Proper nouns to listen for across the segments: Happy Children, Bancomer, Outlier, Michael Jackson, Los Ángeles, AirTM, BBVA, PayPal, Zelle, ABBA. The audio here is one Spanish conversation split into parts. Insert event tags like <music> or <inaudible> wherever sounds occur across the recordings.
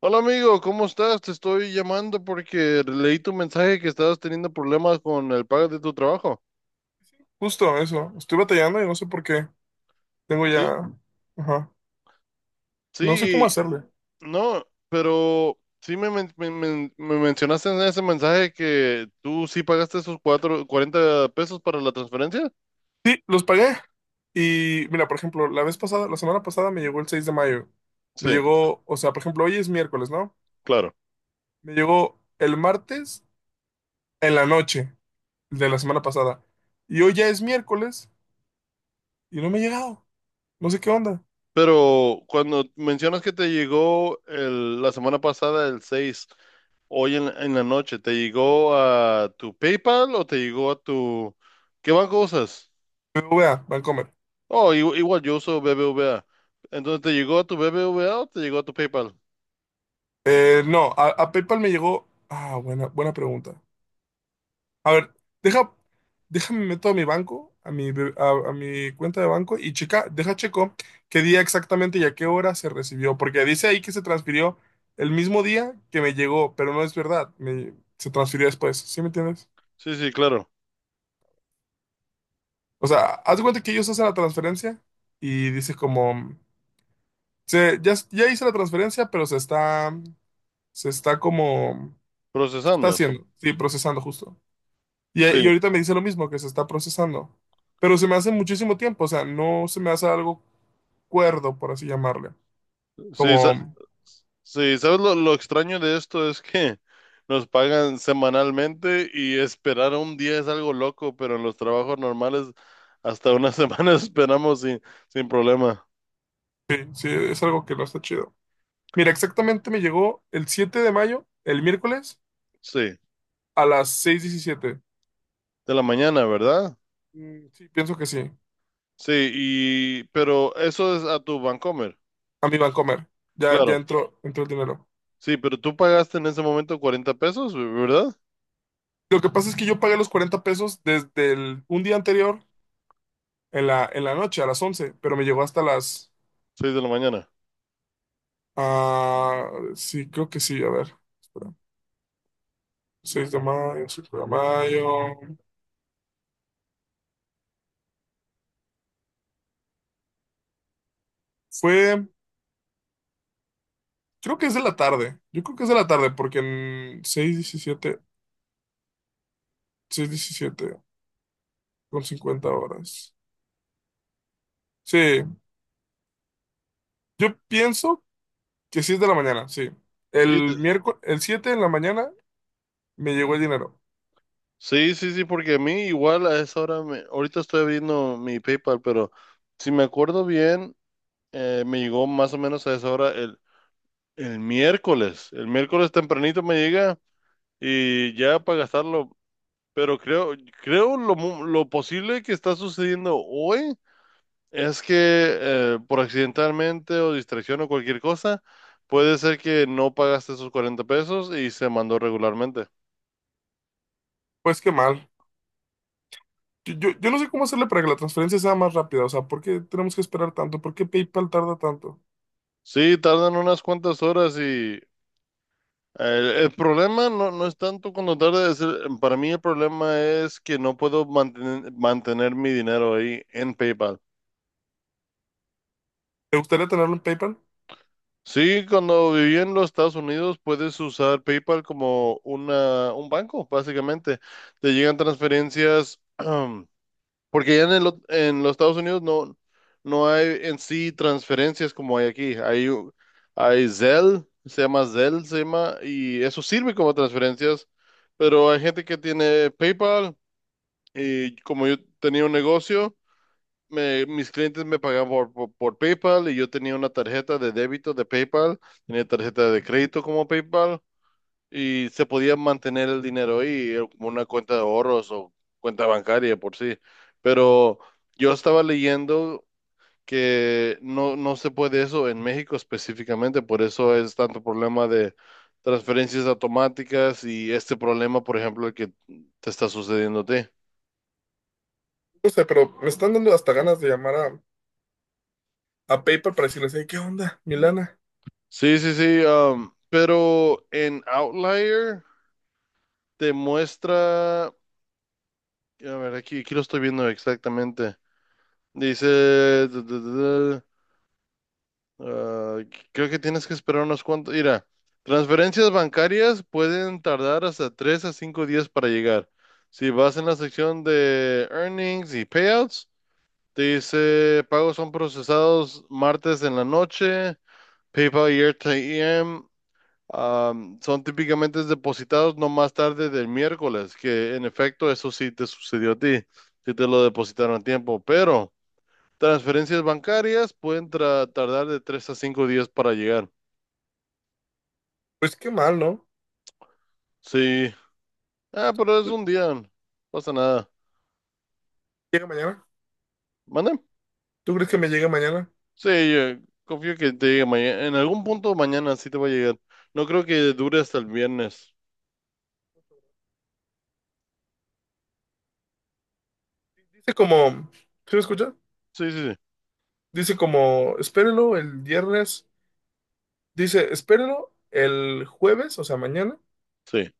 Hola amigo, ¿cómo estás? Te estoy llamando porque leí tu mensaje que estabas teniendo problemas con el pago de tu trabajo. Justo eso. Estoy batallando y no sé por qué. Tengo Sí, ya. Ajá. No sé cómo sí, hacerle. no, pero sí me mencionaste en ese mensaje que tú sí pagaste esos 40 pesos para la transferencia. Sí, los pagué. Y mira, por ejemplo, la semana pasada me llegó el 6 de mayo. Me Sí, llegó, o sea, por ejemplo, hoy es miércoles, ¿no? claro. Me llegó el martes en la noche de la semana pasada. Y hoy ya es miércoles y no me ha llegado. No sé qué onda. Pero cuando mencionas que te llegó la semana pasada el 6, hoy en la noche, ¿te llegó a tu PayPal o te llegó a tu... ¿Qué banco usas? BBVA, Bancomer. Oh, igual, yo uso BBVA. Entonces, ¿te llegó a tu BBVA o te llegó a tu PayPal? No, a PayPal me llegó. Ah, buena pregunta. A ver, deja, déjame meto a mi banco, a mi cuenta de banco y checa, deja checo qué día exactamente y a qué hora se recibió, porque dice ahí que se transfirió el mismo día que me llegó, pero no es verdad, se transfirió después, ¿sí me entiendes? Sí, sí, claro. O sea, haz de cuenta que ellos hacen la transferencia y dice como, ya hice la transferencia, pero se está como, se está Procesando. Haciendo, sí, procesando justo. Sí, Y ahorita me dice lo mismo, que se está procesando. Pero se me hace muchísimo tiempo, o sea, no se me hace algo cuerdo, por así llamarle. sí, Como, sí. ¿Sabes lo extraño de esto? Es que <laughs> nos pagan semanalmente y esperar un día es algo loco, pero en los trabajos normales hasta una <laughs> semana esperamos sin problema. sí, sí, es algo que no está chido. Mira, exactamente me llegó el 7 de mayo, el miércoles, Sí, a las 6:17. de la mañana, ¿verdad? Mm, sí, pienso que sí. Sí, y pero eso es a tu Bancomer. A mi Bancomer. Ya Claro. entró, entró el dinero. Sí, pero tú pagaste en ese momento 40 pesos, ¿verdad? Lo que pasa es que yo pagué los 40 pesos desde un día anterior, en la noche, a las 11, pero me llegó hasta las... 6 de la mañana. ah, sí, creo que sí, a ver. Espera. 6 de mayo, 5 de mayo. Fue, creo que es de la tarde. Yo creo que es de la tarde porque en 6:17, 6:17:50 horas. Sí, yo pienso que sí es de la mañana, sí. Sí, El miércoles, el 7 de la mañana me llegó el dinero. sí, sí, sí, porque a mí igual a esa hora, ahorita estoy abriendo mi PayPal, pero si me acuerdo bien, me llegó más o menos a esa hora el miércoles. El miércoles tempranito me llega y ya para gastarlo, pero creo lo posible que está sucediendo hoy es que por accidentalmente o distracción o cualquier cosa, puede ser que no pagaste esos 40 pesos y se mandó regularmente. Pues qué mal. Yo no sé cómo hacerle para que la transferencia sea más rápida. O sea, ¿por qué tenemos que esperar tanto? ¿Por qué PayPal tarda tanto? Sí, tardan unas cuantas horas y el problema no es tanto cuando tarda, es para mí el problema es que no puedo mantener, mantener mi dinero ahí en PayPal. ¿Te gustaría tenerlo en PayPal? Sí, cuando viví en los Estados Unidos puedes usar PayPal como un banco, básicamente. Te llegan transferencias <clears throat> Porque ya en en los Estados Unidos no hay en sí transferencias como hay aquí. Hay Zelle, se llama, y eso sirve como transferencias. Pero hay gente que tiene PayPal y como yo tenía un negocio, mis clientes me pagaban por PayPal y yo tenía una tarjeta de débito de PayPal, tenía tarjeta de crédito como PayPal y se podía mantener el dinero ahí, como una cuenta de ahorros o cuenta bancaria por sí. Pero yo estaba leyendo que no se puede eso en México específicamente, por eso es tanto problema de transferencias automáticas y este problema, por ejemplo, el que te está sucediendo a ti. No sé, pero me están dando hasta ganas de llamar a PayPal para decirles, "Hey, ¿qué onda, Milana? Sí, sí, sí, pero en Outlier te muestra, a ver, aquí, aquí lo estoy viendo exactamente. Dice, ah, creo que tienes que esperar unos cuantos. Mira, transferencias bancarias pueden tardar hasta 3 a 5 días para llegar. Si vas en la sección de earnings y payouts, te dice pagos son procesados martes en la noche, PayPal y AirTM son típicamente depositados no más tarde del miércoles, que en efecto eso sí te sucedió a ti, si te lo depositaron a tiempo, pero transferencias bancarias pueden tardar de 3 a 5 días para llegar. Pues qué mal, ¿no? Sí. Ah, pero es un día. No pasa nada. Llega mañana. ¿Mande? ¿Tú crees que me llegue mañana? Sí, confío que te llegue mañana. En algún punto mañana sí te va a llegar. No creo que dure hasta el viernes. Dice como, ¿sí me escucha? Sí, sí, sí. Dice como, espérelo el viernes. Dice, espérelo el jueves, o sea, mañana. Sí,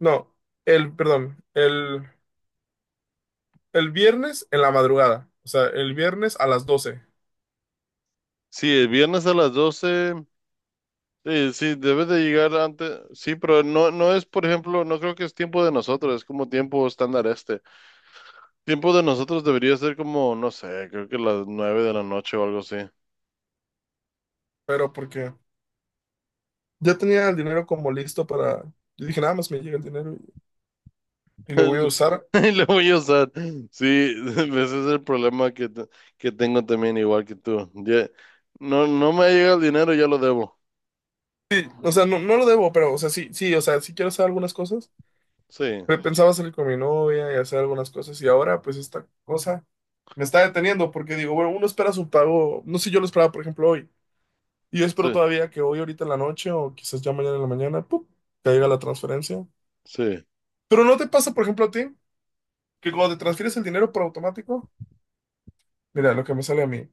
No, el, perdón, el, el viernes en la madrugada. O sea, el viernes a las 12. sí, el viernes a las 12, sí, sí, debe de llegar antes. Sí, pero no es, por ejemplo, no creo que es tiempo de nosotros, es como tiempo estándar este. Tiempo de nosotros debería ser como, no sé, creo que las 9 de la noche o algo así. Pero porque ya tenía el dinero como listo para... Yo dije, nada más me llega el dinero y lo voy <laughs> a usar. y lo voy a usar. Sí, <laughs> ese es el problema que tengo también, igual que tú. No me llega el dinero, ya lo debo. Sí, o sea, no, no lo debo, pero, o sea, sí, sí, o sea, sí quiero hacer algunas cosas. Sí, Pe- Pensaba salir con mi novia y hacer algunas cosas y ahora pues esta cosa me está deteniendo porque digo, bueno, uno espera su pago, no sé, yo lo esperaba por ejemplo hoy y yo espero sí, todavía que hoy ahorita en la noche o quizás ya mañana en la mañana, ¡pum!, caiga la transferencia. sí, Pero ¿no te pasa por ejemplo a ti que cuando te transfieres el dinero por automático? Mira, lo que me sale a mí,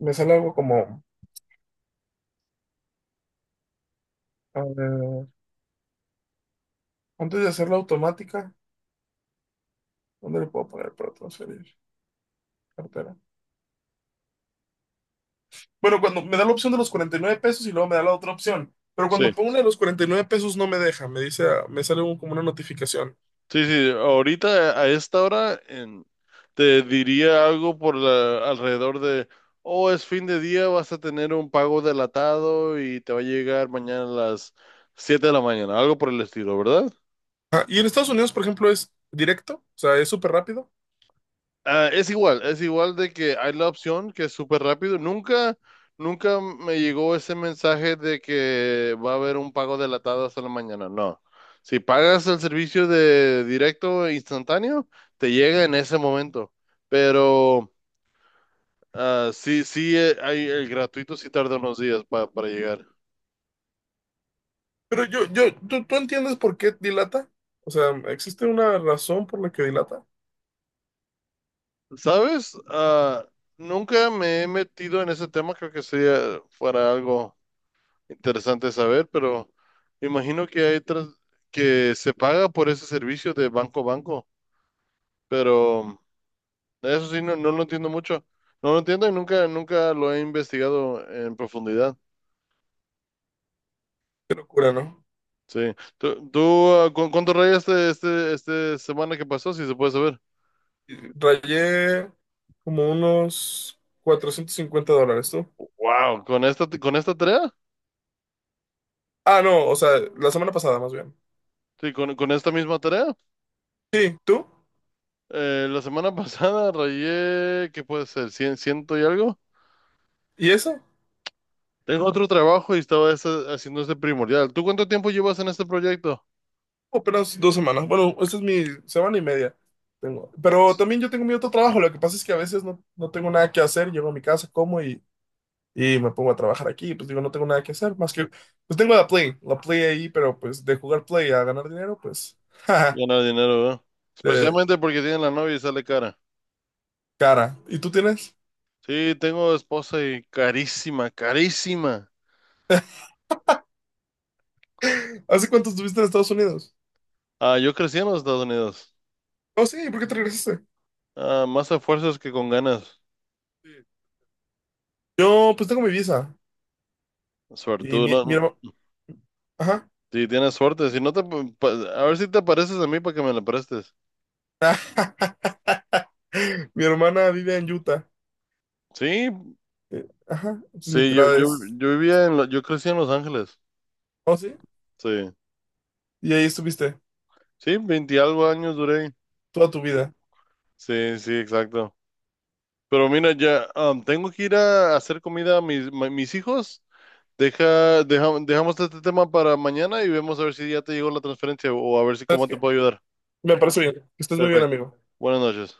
me sale algo como, a ver, antes de hacerla automática, ¿dónde le puedo poner para transferir? Cartera. Bueno, cuando me da la opción de los 49 pesos y luego me da la otra opción. Pero cuando sí. pongo una de los 49 pesos no me deja, me dice, ah, me sale un- como una notificación. Sí, sí, ahorita a esta hora te diría algo alrededor de, oh, es fin de día, vas a tener un pago delatado y te va a llegar mañana a las 7 de la mañana, algo por el estilo, ¿verdad? Ah, y en Estados Unidos, por ejemplo, es directo, o sea, es súper rápido. Ah, es igual de que hay la opción que es súper rápido. Nunca, nunca me llegó ese mensaje de que va a haber un pago delatado hasta la mañana. No. Si pagas el servicio de directo e instantáneo, te llega en ese momento. Pero sí, sí, hay el gratuito sí tarda unos días para llegar. Pero ¿tú, tú entiendes por qué dilata? O sea, ¿existe una razón por la que dilata? ¿Sabes? Ah, nunca me he metido en ese tema. Creo que sería fuera algo. Interesante saber, pero me imagino que hay que se paga por ese servicio de banco a banco, pero eso sí no lo entiendo mucho. No lo entiendo y nunca, nunca lo he investigado en profundidad. Qué locura, ¿no? Sí. Cuánto rayaste este semana que pasó, si se puede saber? Rayé como unos $450, ¿tú? Wow, con esta tarea, Ah, no, o sea, la semana pasada más bien. sí, con esta misma tarea. Sí, ¿tú? La semana <laughs> pasada rayé, ¿qué puede ser? ¿Cien, ciento y algo? ¿Y eso? Tengo otro trabajo y estaba haciendo este primordial. ¿Tú cuánto tiempo llevas en este proyecto? Apenas 2 semanas. Bueno, esta es mi semana y media. Tengo. Pero también yo tengo mi otro trabajo. Lo que pasa es que a veces no, no tengo nada que hacer. Llego a mi casa, como y me pongo a trabajar aquí. Pues digo, no tengo nada que hacer. Más que, pues tengo la Play. La Play ahí, pero pues de jugar Play a ganar dinero, pues, <laughs> jaja, Ganar dinero, ¿verdad? de Especialmente porque tiene la novia y sale cara. cara. ¿Y tú tienes? Sí, tengo esposa y carísima, carísima. <laughs> ¿Hace cuánto estuviste en Estados Unidos? Ah, yo crecí en los Estados Unidos. Oh, sí, ¿por qué te regresaste? Ah, más a fuerzas que con ganas. Sí. Yo, pues tengo mi visa. Y Suerte, no, mi hermano. Ajá. si tienes suerte, si no te, a ver si te pareces a mí para que me la prestes. <laughs> Mi hermana vive en Utah. Sí, Ajá, entonces mi sí, tirada es... yo vivía en, yo crecí en Los Ángeles. ¿Oh, sí? Sí, Y ahí estuviste sí, 20 y algo años duré. toda tu vida. Sí, sí, exacto. Pero mira, ya tengo que ir a hacer comida a mis hijos. Dejamos este tema para mañana y vemos a ver si ya te llegó la transferencia o a ver si ¿Sabes cómo te qué? puedo ayudar. Me parece bien. Que estés muy bien, Perfecto. amigo. Buenas noches.